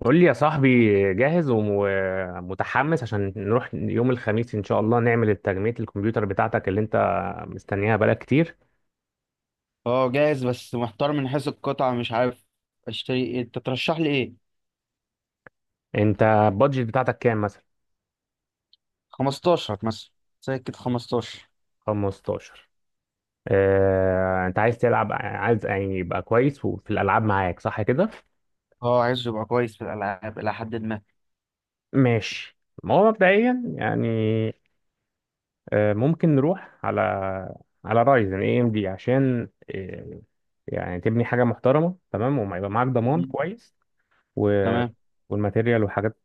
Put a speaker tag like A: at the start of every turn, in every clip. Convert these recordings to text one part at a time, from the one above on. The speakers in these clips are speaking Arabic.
A: قول لي يا صاحبي، جاهز ومتحمس عشان نروح يوم الخميس ان شاء الله نعمل التجميع الكمبيوتر بتاعتك اللي انت مستنيها بقالك كتير.
B: اه، جاهز بس محتار من حيث القطعة. مش عارف اشتري ايه. انت ترشح لي ايه؟
A: انت البادجت بتاعتك كام مثلا؟
B: 15 مثلا. سكة 15.
A: 15. اه انت عايز تلعب، عايز يعني يبقى كويس وفي الالعاب، معاك صح كده؟
B: اه، عايزه يبقى كويس في الالعاب الى حد ما.
A: ماشي. ما هو مبدئيا يعني اه ممكن نروح على رايزن اي ام دي، عشان اه يعني تبني حاجه محترمه، تمام، وما يبقى معاك ضمان
B: مم.
A: كويس و...
B: تمام.
A: والماتيريال وحاجات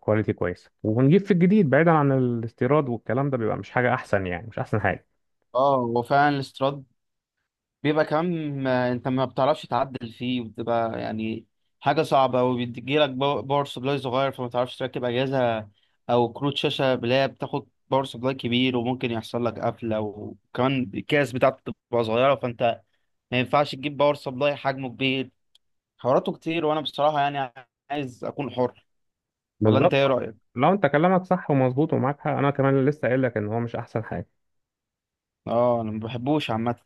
A: كواليتي كويسه، ونجيب في الجديد بعيدا عن الاستيراد، والكلام ده بيبقى مش حاجه احسن، يعني مش احسن حاجه.
B: اه، هو فعلا الاستراد بيبقى كمان، انت ما بتعرفش تعدل فيه وبتبقى يعني حاجة صعبة، وبيجيلك باور سبلاي صغير، فما تعرفش تركب اجهزة او كروت شاشة اللي هي بتاخد باور سبلاي كبير، وممكن يحصل لك قفلة. وكمان الكاس بتاعته بتبقى صغيرة، فانت ما ينفعش تجيب باور سبلاي حجمه كبير. حواراته كتير، وانا بصراحه يعني عايز اكون حر. ولا انت ايه
A: بالظبط،
B: رايك؟
A: لو انت كلامك صح ومظبوط ومعاك حق، انا كمان لسه قايل لك ان هو مش احسن حاجه.
B: اه، انا ما بحبوش عامه.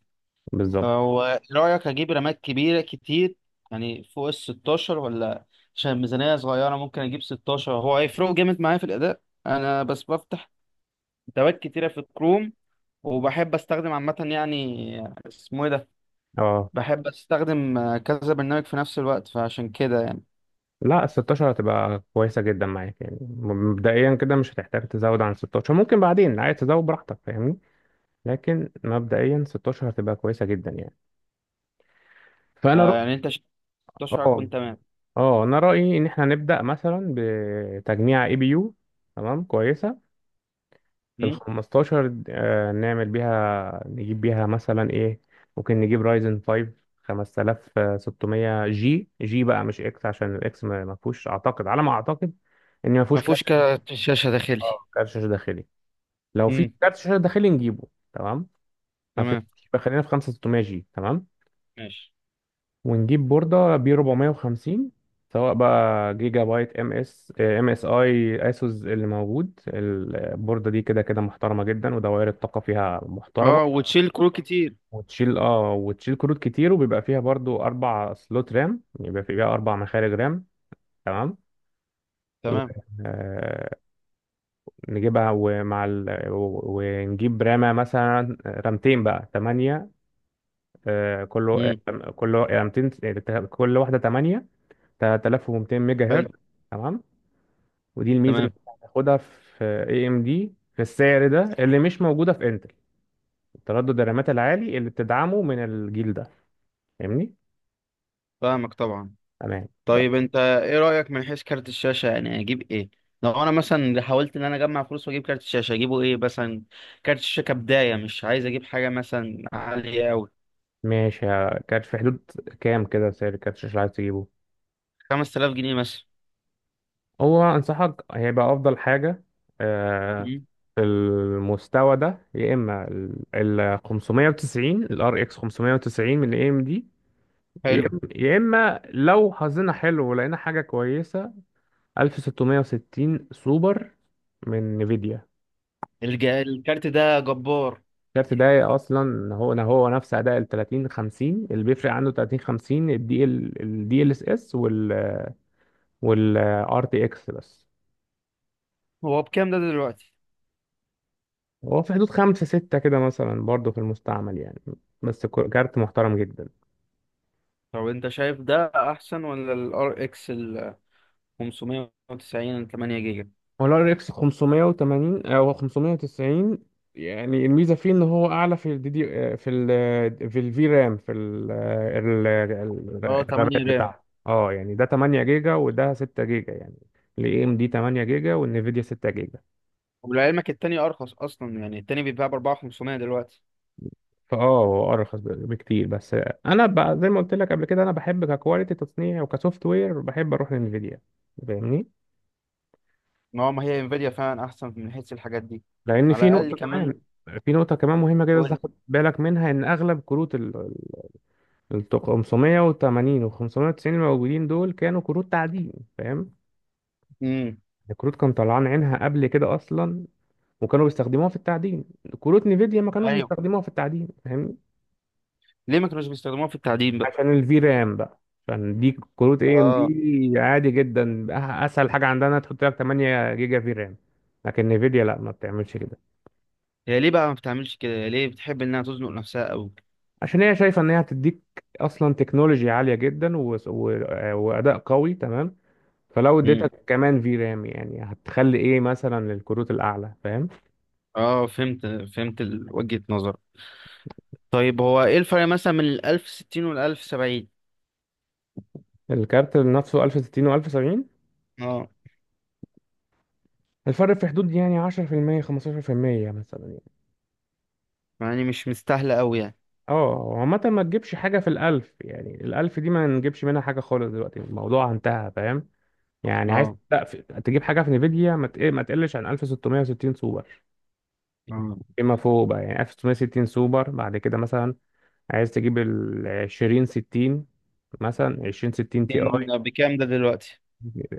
A: بالظبط.
B: هو رايك اجيب رمات كبيره كتير، يعني فوق ال 16 ولا؟ عشان الميزانيه صغيره ممكن اجيب 16. هو هيفرقوا جامد معايا في الاداء؟ انا بس بفتح تبات كتيره في الكروم، وبحب استخدم عامه يعني، اسمه ايه ده،
A: اه
B: بحب استخدم كذا برنامج في نفس الوقت، فعشان كده يعني
A: لا، ال 16 هتبقى كويسه جدا معاك، يعني مبدئيا كده مش هتحتاج تزود عن 16، ممكن بعدين عايز تزود براحتك، فاهمني؟ لكن مبدئيا 16 هتبقى كويسه جدا يعني. فانا رأ...
B: يعني انت، 16
A: اه
B: هتكون تمام.
A: اه انا رايي ان احنا نبدا مثلا بتجميع اي بي يو، تمام، كويسه في ال
B: مم؟
A: 15. نعمل بيها نجيب بيها مثلا ايه؟ ممكن نجيب رايزن 5 5600 جي. جي بقى مش اكس، عشان الاكس ما فيهوش اعتقد، على ما اعتقد ان ما
B: ما
A: فيهوش كارت.
B: فيهوش كارت شاشه داخلي.
A: اه، كارت شاشه داخلي. لو في
B: امم.
A: كارت شاشه داخلي نجيبه، تمام. ما
B: تمام.
A: فيهوش. يبقى خلينا في 5600 جي. تمام.
B: ماشي.
A: ونجيب بورده بي 450، سواء بقى جيجا بايت ام اس اي اسوس اللي موجود، البورده دي كده كده محترمه جدا، ودوائر الطاقه فيها محترمه
B: اه، وتشيل كروت كتير.
A: وتشيل كروت كتير، وبيبقى فيها برضو اربع سلوت رام، يبقى فيها اربع مخارج رام. تمام. و...
B: تمام.
A: آه... نجيبها، ونجيب رامة، مثلا رامتين بقى، تمانية. كله.
B: امم.
A: كله رامتين، كل واحدة تمانية، 3200 ميجا
B: حلو.
A: هرتز. تمام. ودي الميزة اللي
B: تمام.
A: هتاخدها في اي ام دي في السعر ده اللي مش موجودة في انتل: تردد الرامات العالي اللي بتدعمه من الجيل ده. فاهمني؟
B: فاهمك طبعا.
A: تمام.
B: طيب انت ايه رأيك من حيث كارت الشاشة؟ يعني اجيب ايه؟ لو انا مثلا حاولت ان انا اجمع فلوس واجيب كارت الشاشة، اجيبه ايه مثلا؟ كارت الشاشة كبداية مش عايز اجيب حاجة مثلا عالية اوي.
A: ماشي. كانت في حدود كام كده سعر الكاتش اللي عايز تجيبه؟
B: 5000 جنيه مثلا.
A: هو انصحك هيبقى افضل حاجة، آه،
B: مم.
A: في المستوى ده، يا اما ال 590، الار اكس 590 من اي ام دي،
B: حلو.
A: يا اما لو حظنا حلو ولقينا حاجة كويسة، 1660 سوبر من نيفيديا.
B: الكارت ده جبار.
A: الكارت ده اصلا هو هو نفس اداء ال 30 50، اللي بيفرق عنه 30 50 الدي ال اس اس وال ار تي اكس بس.
B: هو بكام ده دلوقتي؟
A: هو في حدود خمسة ستة كده مثلا، برضه في المستعمل يعني، بس كارت محترم جدا.
B: طب انت شايف ده احسن ولا الار اكس ال 590 8 جيجا؟
A: هو الار اكس 580 او 590، يعني الميزة فيه ان هو اعلى في الدي دي، في الفي رام، في ال آه، ال- ال-
B: اه، 8
A: الرامات
B: رام.
A: بتاعته. اه، يعني ده 8 جيجا وده 6 جيجا، يعني الاي ام دي 8 جيجا والنفيديا 6 جيجا.
B: ولعلمك التاني ارخص اصلا، يعني التاني بيتباع ب 4500 دلوقتي.
A: فاه هو ارخص بكتير، بس زي ما قلت لك قبل كده، انا بحب ككواليتي تصنيع وكسوفت وير بحب اروح لانفيديا، فاهمني؟
B: ما هو ما هي انفيديا فعلا احسن من حيث الحاجات دي،
A: لان
B: على
A: في
B: الاقل.
A: نقطه كمان،
B: كمان
A: مهمه جدا لازم
B: قول.
A: تاخد بالك منها: ان اغلب كروت 580 و 590 الموجودين دول كانوا كروت تعدين، فاهم؟
B: امم.
A: الكروت كان طلعان عينها قبل كده اصلا، وكانوا بيستخدموها في التعدين. كروت نيفيديا ما كانوش
B: ايوه.
A: بيستخدموها في التعدين، فاهمني؟
B: ليه ما كانوش بيستخدموها في التعدين بقى؟
A: عشان الفي رام بقى، عشان دي كروت اي ام
B: اه.
A: دي. عادي جدا، اسهل حاجه عندنا تحط لك 8 جيجا في رام، لكن نيفيديا لا، ما بتعملش كده.
B: هي ليه بقى ما بتعملش كده؟ هي ليه بتحب انها تزنق نفسها قوي؟
A: عشان هي شايفه ان هي هتديك اصلا تكنولوجي عاليه جدا واداء قوي، تمام. فلو
B: امم.
A: اديتك كمان في رام، يعني هتخلي ايه مثلا للكروت الاعلى؟ فاهم؟
B: اه، فهمت. فهمت وجهة نظر. طيب هو ايه الفرق مثلا من ال 1060 وال 1070؟
A: الكارت نفسه 1060 و1070،
B: اه.
A: الفرق في حدود يعني 10% 15% مثلا يعني.
B: يعني مش مستاهله قوي يعني.
A: اه، عامة ما تجيبش حاجة في الألف، يعني الألف دي ما نجيبش منها حاجة خالص، دلوقتي الموضوع انتهى، فاهم؟ يعني عايز
B: اه.
A: لا في... تجيب حاجة في نيفيديا ما تقلش عن 1660 سوبر.
B: اه،
A: فيما فوق بقى يعني 1660 سوبر بعد كده، مثلا عايز تجيب ال 20 60، مثلا 20 60 تي
B: ستين
A: اي،
B: بكام ده دلوقتي؟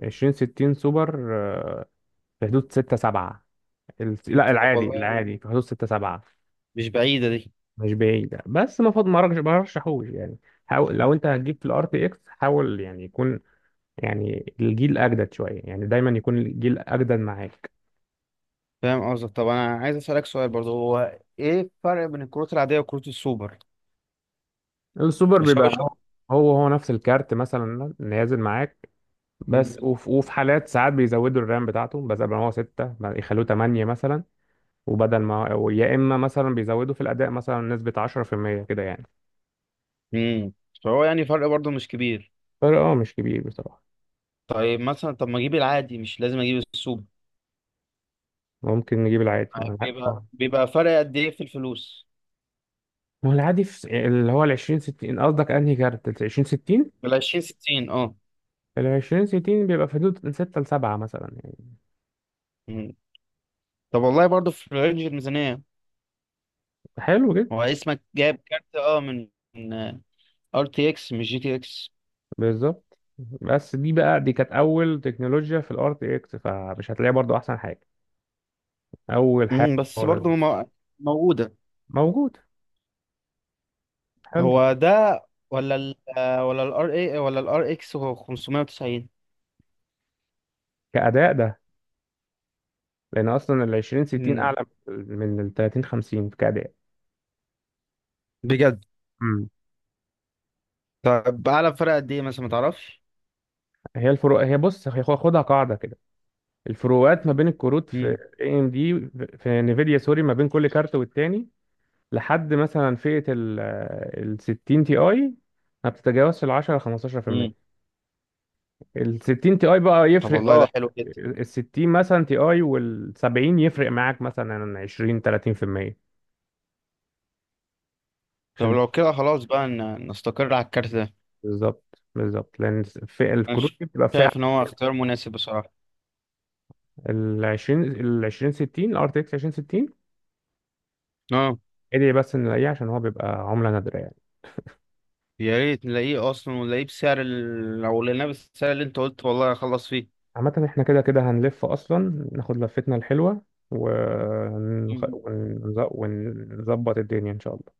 A: 20 60 سوبر. في حدود 6 7. لا،
B: طب
A: العادي
B: والله
A: العادي في حدود 6 7.
B: مش بعيدة دي.
A: مش بعيد، بس ما فض ما رج- ما رشحوش يعني. حاول لو انت هتجيب في الار تي اكس، حاول يعني يكون، يعني الجيل اجدد شويه يعني، دايما يكون الجيل اجدد معاك.
B: فاهم قصدك. طب انا عايز اسالك سؤال برضه، هو ايه الفرق بين الكروت العاديه وكروت السوبر؟
A: السوبر بيبقى هو
B: الشباشب.
A: هو هو نفس الكارت مثلا نازل معاك، بس وفي حالات ساعات بيزودوا الرام بتاعته، بس قبل ما هو 6 يخلوه 8 مثلا، وبدل ما ويا اما مثلا بيزودوا في الاداء مثلا نسبة 10% كده يعني.
B: امم. فهو يعني فرق برضه مش كبير.
A: فرق اه مش كبير بصراحة.
B: طيب مثلا، طب ما اجيب العادي، مش لازم اجيب السوبر.
A: ممكن نجيب العادي، ما هو العادي
B: بيبقى بيبقى فرق قد ايه في الفلوس؟
A: ما هو العادي اللي هو ال 20 60، قصدك انهي كارت؟ ال 20 60،
B: بال 20 60. اه.
A: ال 20 60 بيبقى في حدود من 6 ل 7 مثلا يعني.
B: مم. طب والله برضه في رينج الميزانيه.
A: حلو جدا.
B: هو اسمك جايب كارت اه من ار تي اكس مش جي تي اكس.
A: بالظبط، بس دي بقى، دي كانت اول تكنولوجيا في الار تي اكس، فمش هتلاقيها برضو احسن حاجة، اول حاجة
B: امم. بس
A: خالص.
B: برضه موجوده.
A: موجود. حلو.
B: هو ده، ولا ال آه، ولا الار اي، ولا الار اكس هو 590؟
A: كأداء ده، لان اصلا ال 20 60
B: مم.
A: اعلى من ال 30 50 كأداء.
B: بجد؟ طب اعلى فرق قد ايه مثلا، ما تعرفش؟
A: هي الفروق، هي بص، هي خدها قاعده كده: الفروقات ما بين الكروت في
B: مم.
A: اي ام دي، في نيفيديا سوري، ما بين كل كارت والتاني، لحد مثلا فئه ال 60 تي اي، ما بتتجاوزش ال 10
B: مم.
A: 15%. ال 60 تي اي بقى
B: طب
A: يفرق،
B: والله ده
A: اه.
B: حلو جدا.
A: ال 60 مثلا تي اي وال 70 يفرق معاك مثلا 20 30%،
B: طب
A: عشان.
B: لو كده خلاص بقى نستقر على الكارت ده.
A: بالظبط، بالظبط، لان فئه
B: انا
A: الكروت دي بتبقى فئه
B: شايف ان هو اختيار مناسب بصراحة.
A: ال 20 60، الار تي اكس 20 60.
B: اه.
A: ادعي بس ان الاقيه، عشان هو بيبقى عمله نادره يعني.
B: يا ريت نلاقيه اصلا، ونلاقيه بسعر ال... لو لقيناه بالسعر اللي انت قلت، والله هخلص فيه.
A: عامة احنا كده كده هنلف أصلا، ناخد لفتنا الحلوة
B: مم.
A: ونظبط الدنيا إن شاء الله.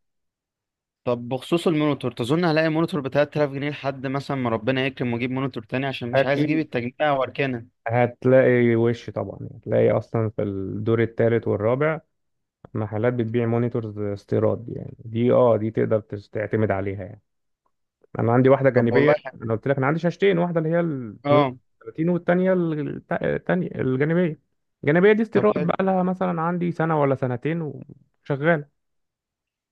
B: طب بخصوص المونيتور، تظن هلاقي مونيتور ب 3000 جنيه لحد مثلا ما ربنا يكرم واجيب مونيتور تاني، عشان مش عايز اجيب
A: أكيد
B: التجميع واركنه.
A: هتلاقي، وش طبعا هتلاقي أصلا في الدور الثالث والرابع محلات بتبيع مونيتورز استيراد، يعني دي اه دي تقدر تعتمد عليها يعني. أنا عندي واحدة
B: طب
A: جانبية.
B: والله حلو.
A: أنا قلت لك أنا عندي شاشتين، واحدة اللي هي ال
B: اه.
A: 32، والتانية التانية الجانبية. الجانبية دي
B: طب
A: استيراد
B: حلو.
A: بقى، لها مثلا عندي سنة ولا سنتين، وشغالة.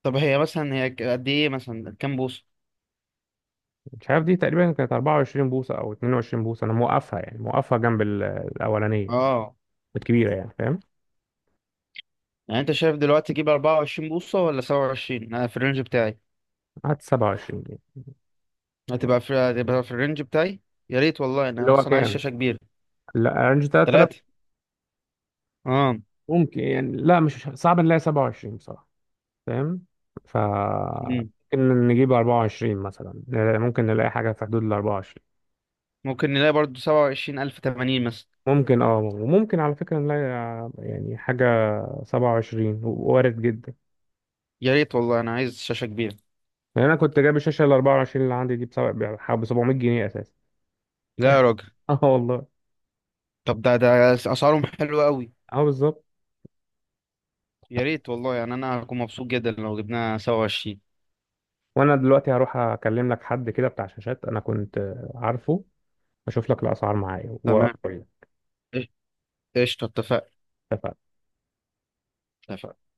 B: طب هي مثلا، هي قد ايه مثلا؟ كام بوصة؟
A: مش عارف، دي تقريبا كانت 24 بوصة أو 22 بوصة. أنا موقفها يعني موقفها جنب الأولانية
B: اه.
A: الكبيرة يعني، فاهم؟
B: يعني انت شايف دلوقتي تجيب 24 بوصة ولا 27؟ انا في الرينج بتاعي.
A: قعدت 27 دي.
B: هتبقى في الرينج بتاعي. يا ريت والله،
A: اللي
B: انا
A: هو
B: اصلا عايز
A: كام؟
B: شاشة كبيرة.
A: لا، رينج 3000.
B: تلاتة. اه.
A: ممكن يعني، لا مش صعب نلاقي 27 بصراحة، فاهم؟ ف
B: مم.
A: ممكن نجيب 24 مثلا، ممكن نلاقي حاجة في حدود ال 24،
B: ممكن نلاقي برضو 27080 ألف تمانين مثلا.
A: ممكن اه، وممكن على فكرة نلاقي يعني حاجة 27 وارد جدا
B: يا ريت والله، انا عايز شاشة كبيرة.
A: يعني. أنا كنت جايب الشاشة ال 24 اللي عندي دي بحوالي 700 جنيه أساسا.
B: لا يا راجل.
A: اه والله.
B: طب ده اسعارهم حلوة قوي.
A: اه بالظبط.
B: يا ريت والله يعني انا هكون مبسوط جدا لو جبناها 27.
A: وانا دلوقتي هروح اكلم لك حد كده بتاع شاشات انا كنت عارفه، اشوف لك الاسعار معايا واقول
B: تمام.
A: لك.
B: قشطة. اتفقنا.
A: اتفقنا.
B: اتفقنا.